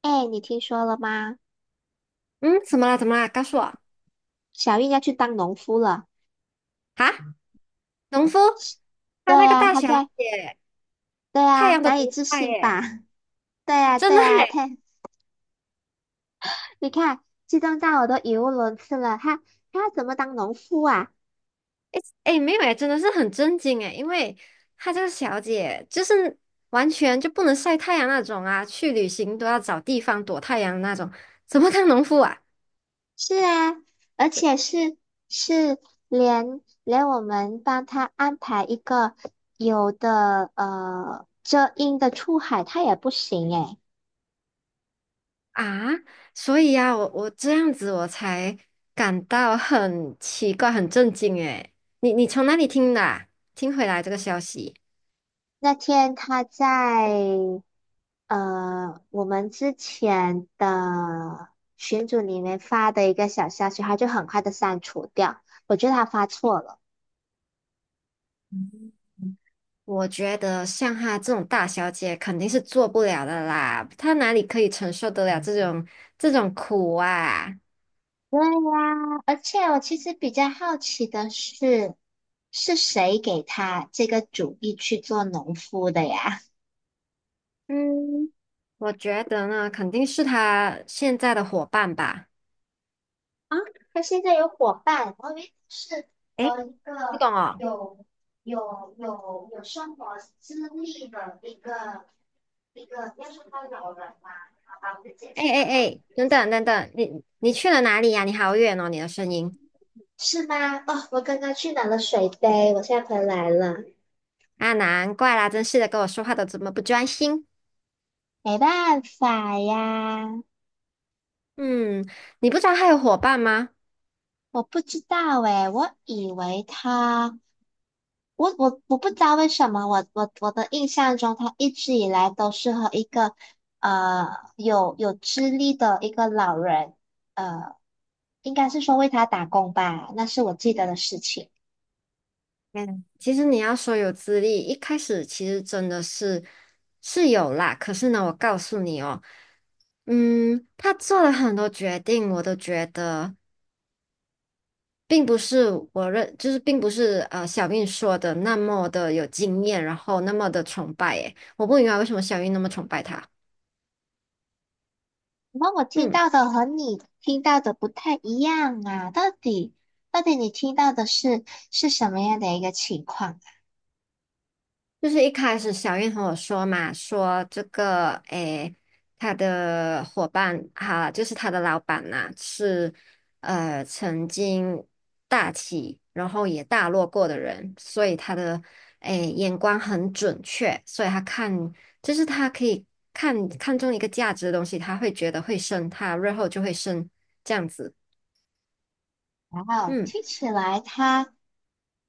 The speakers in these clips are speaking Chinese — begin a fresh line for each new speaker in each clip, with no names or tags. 哎，你听说了吗？
嗯，怎么了？怎么了？告诉我
小玉要去当农夫了。
啊！农夫
对
他那个
呀，
大
她
小
在。
姐，
对
太
呀，
阳都
难以
不
置
晒
信吧？
耶，
对呀，
真
对
的
呀，
耶！
她，你看，激动到我都语无伦次了。她，她要怎么当农夫啊？
哎哎，没有哎，真的是很震惊哎，因为她这个小姐就是完全就不能晒太阳那种啊，去旅行都要找地方躲太阳那种，怎么当农夫啊？
是啊，而且是连我们帮她安排一个有的遮阴的出海，她也不行诶。
啊，所以呀、啊，我这样子我才感到很奇怪，很震惊哎！你从哪里听的啊听回来这个消息？
那天她在我们之前的群组里面发的一个小消息，他就很快的删除掉。我觉得他发错了。
我觉得像她这种大小姐肯定是做不了的啦，她哪里可以承受得了这种这种苦啊？
对呀，而且我其实比较好奇的是，是谁给他这个主意去做农夫的呀？
嗯，我觉得呢，肯定是她现在的伙伴吧。
啊，他现在有伙伴，我以为是
诶，
和一
你
个
懂哦？
有有生活经历的一个一个，要说他老人嘛，好吧，我就简
哎
称
哎
他老人
哎，
吧。
等等等等，你去了哪里呀？你好远哦，你的声音
是吗？哦，我刚刚去拿了水杯，我现在回来了。
啊，难怪啦，真是的，跟我说话都这么不专心。
没办法呀，
嗯，你不知道她有伙伴吗？
我不知道诶，我以为他，我不知道为什么，我的印象中，他一直以来都是和一个呃有资历的一个老人，呃，应该是说为他打工吧，那是我记得的事情。
嗯，其实你要说有资历，一开始其实真的是是有啦。可是呢，我告诉你哦，嗯，他做了很多决定，我都觉得并不是我认，就是并不是小韵说的那么的有经验，然后那么的崇拜。诶，我不明白为什么小韵那么崇拜他。
那我听
嗯。
到的和你听到的不太一样啊，到底到底你听到的是是什么样的一个情况
就是一开始小燕和我说嘛，说这个诶，他的伙伴哈、就是他的老板呐、是曾经大起，然后也大落过的人，所以他的诶眼光很准确，所以他看就是他可以看中一个价值的东西，他会觉得会升，他日后就会升这样子。
啊？哇哦，
嗯。
听起来他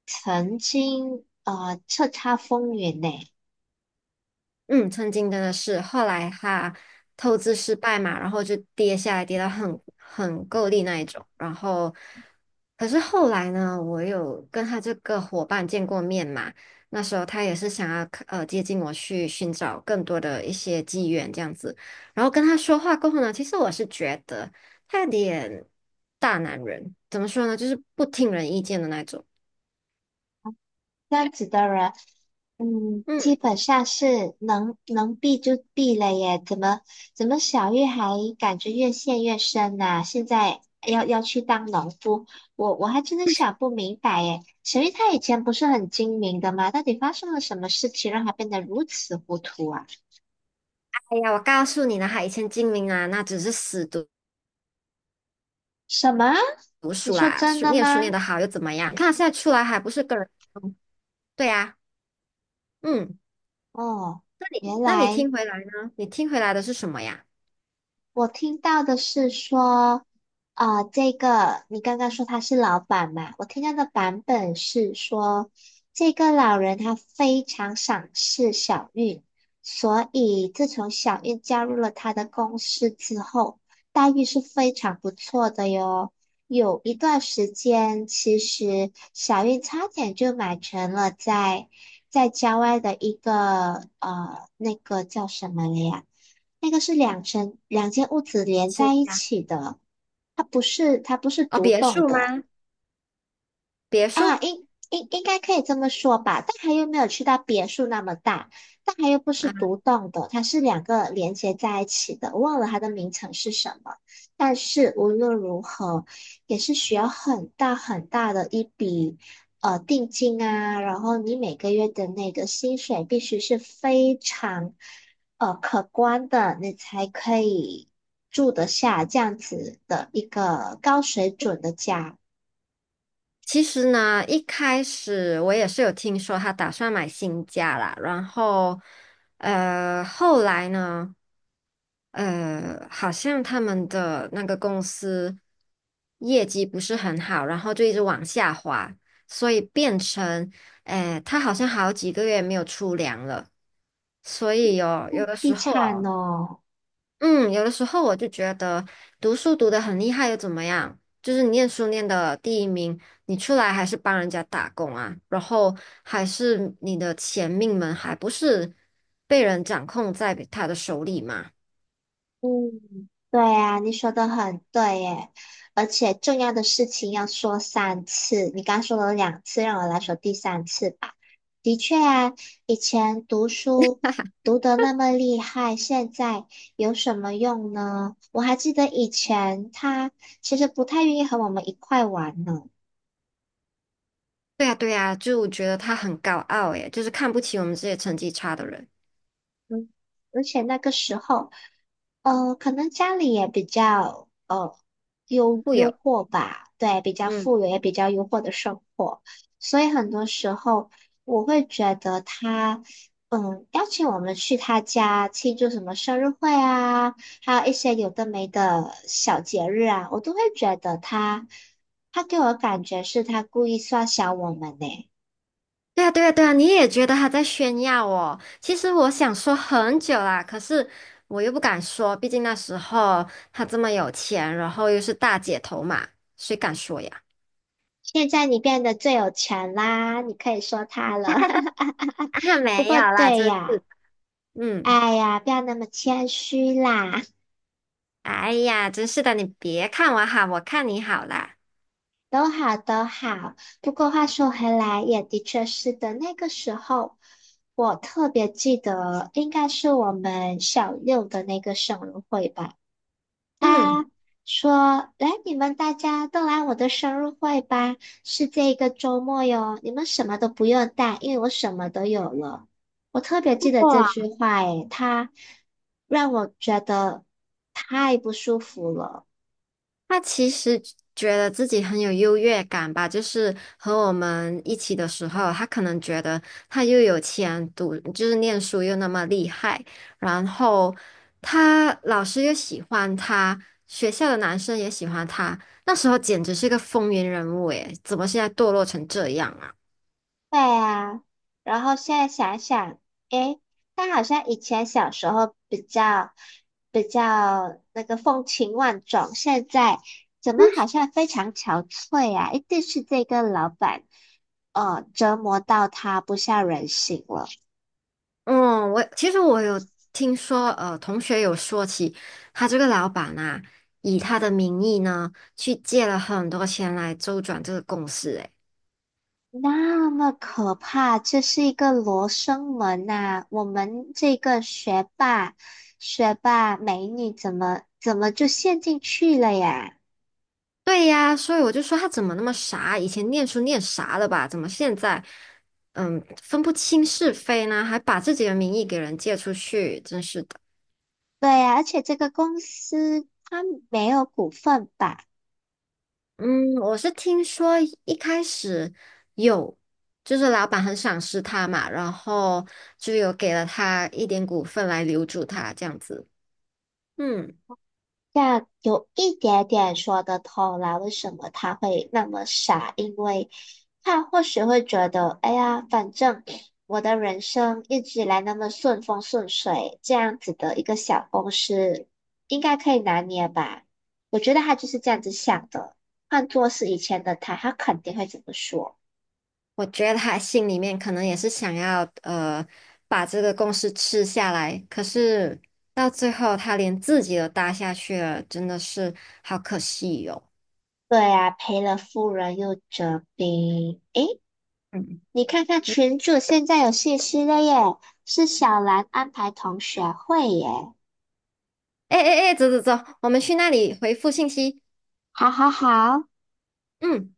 曾经叱咤风云呢。
嗯，曾经真的是，后来他透支失败嘛，然后就跌下来，跌到很够力那一种。然后，可是后来呢，我有跟他这个伙伴见过面嘛，那时候他也是想要接近我去寻找更多的一些机缘这样子。然后跟他说话过后呢，其实我是觉得他有点大男人，怎么说呢，就是不听人意见的那种。
这样子的人。嗯，
嗯，
基本上是能避就避了耶，怎么小玉还感觉越陷越深呐、现在要去当农夫，我还真的想不明白耶。小玉她以前不是很精明的吗？到底发生了什么事情让她变得如此糊涂啊？
哎呀，我告诉你呢，他以前精明啊，那只是死读。
什么？
读
你
书
说
啦，
真
书
的
念书念
吗？
得好又怎么样？你看现在出来还不是个人，嗯对呀、嗯，
哦，原
那你
来。
听回来呢？你听回来的是什么呀？
我听到的是说，啊，这个你刚刚说他是老板嘛？我听到的版本是说，这个老人他非常赏识小韵，所以自从小韵加入了他的公司之后，待遇是非常不错的哟。有一段时间，其实小韵差点就买成了在在郊外的一个那个叫什么了呀？那个是两层两间屋子连
新
在一
家
起的，它不是
哦，
独
别
栋
墅吗？
的。
别
啊，
墅
应该可以这么说吧，但它又没有去到别墅那么大，但它又不是
啊，
独栋的，它是两个连接在一起的，我忘了它的名称是什么。但是无论如何，也是需要很大很大的一笔定金啊，然后你每个月的那个薪水必须是非常可观的，你才可以住得下这样子的一个高水准的家。
其实呢，一开始我也是有听说他打算买新家啦，然后后来呢？好像他们的那个公司业绩不是很好，然后就一直往下滑，所以变成，哎，他好像好几个月没有出粮了。所以哦，
那
有的
凄
时候
惨
哦，
哦。
嗯，有的时候我就觉得读书读得很厉害又怎么样？就是你念书念的第一名，你出来还是帮人家打工啊，然后还是你的钱命门还不是被人掌控在他的手里嘛？
嗯，对啊，你说的很对耶，而且重要的事情要说三次，你刚说了两次，让我来说第三次吧。的确啊，以前读书读得那么厉害，现在有什么用呢？我还记得以前他其实不太愿意和我们一块玩呢。
对呀，对呀，就我觉得他很高傲，诶，就是看不起我们这些成绩差的人。
嗯，而且那个时候，可能家里也比较
会有，
渥吧，对，比较
嗯，
富裕，也比较优渥的生活，所以很多时候我会觉得他，嗯，邀请我们去他家庆祝什么生日会啊，还有一些有的没的小节日啊，我都会觉得他，他给我的感觉是他故意刷小我们呢。
对呀，对呀，对呀，你也觉得他在炫耀哦？其实我想说很久啦，可是我又不敢说，毕竟那时候他这么有钱，然后又是大姐头嘛，谁敢说呀？
现在你变得最有钱啦，你可以说他了。
啊，
不
没有
过
啦，
对
真是
呀，
的，嗯，
哎呀，不要那么谦虚啦，
哎呀，真是的，你别看我好，我看你好啦，
都好都好。不过话说回来，也的确是的，那个时候我特别记得，应该是我们小六的那个生日会吧。
嗯。
他说："来，你们大家都来我的生日会吧，是这个周末哟，你们什么都不用带，因为我什么都有了。"我特别记得这句
哇。
话，诶，他让我觉得太不舒服了。
他其实觉得自己很有优越感吧，就是和我们一起的时候，他可能觉得他又有钱读，就是念书又那么厉害，然后他老师又喜欢他，学校的男生也喜欢他，那时候简直是个风云人物诶，怎么现在堕落成这样啊？
对啊，然后现在想想，诶，他好像以前小时候比较比较那个风情万种，现在怎么好像非常憔悴啊？一定是这个老板，折磨到他不像人形了。
嗯，我其实有听说，同学有说起他这个老板啊，以他的名义呢，去借了很多钱来周转这个公司诶。
那么可怕，这是一个罗生门呐、我们这个学霸美女怎么就陷进去了呀？
对呀，所以我就说他怎么那么傻？以前念书念傻了吧？怎么现在，嗯，分不清是非呢？还把自己的名义给人借出去，真是的。
对呀，而且这个公司它没有股份吧？
嗯，我是听说一开始有，就是老板很赏识他嘛，然后就有给了他一点股份来留住他这样子。嗯。
这样有一点点说得通啦，为什么他会那么傻？因为他或许会觉得，哎呀，反正 我的人生一直以来那么顺风顺水，这样子的一个小公司应该可以拿捏吧？我觉得他就是这样子想的。换做是以前的他，他肯定会这么说。
我觉得他心里面可能也是想要把这个公司吃下来，可是到最后他连自己都搭下去了，真的是好可惜哟、
对呀，赔了夫人又折兵。诶，
嗯
你看看
嗯，
群主现在有信息了耶，是小兰安排同学会耶。
哎哎哎，诶走走走，我们去那里回复信息。
好好好，
嗯。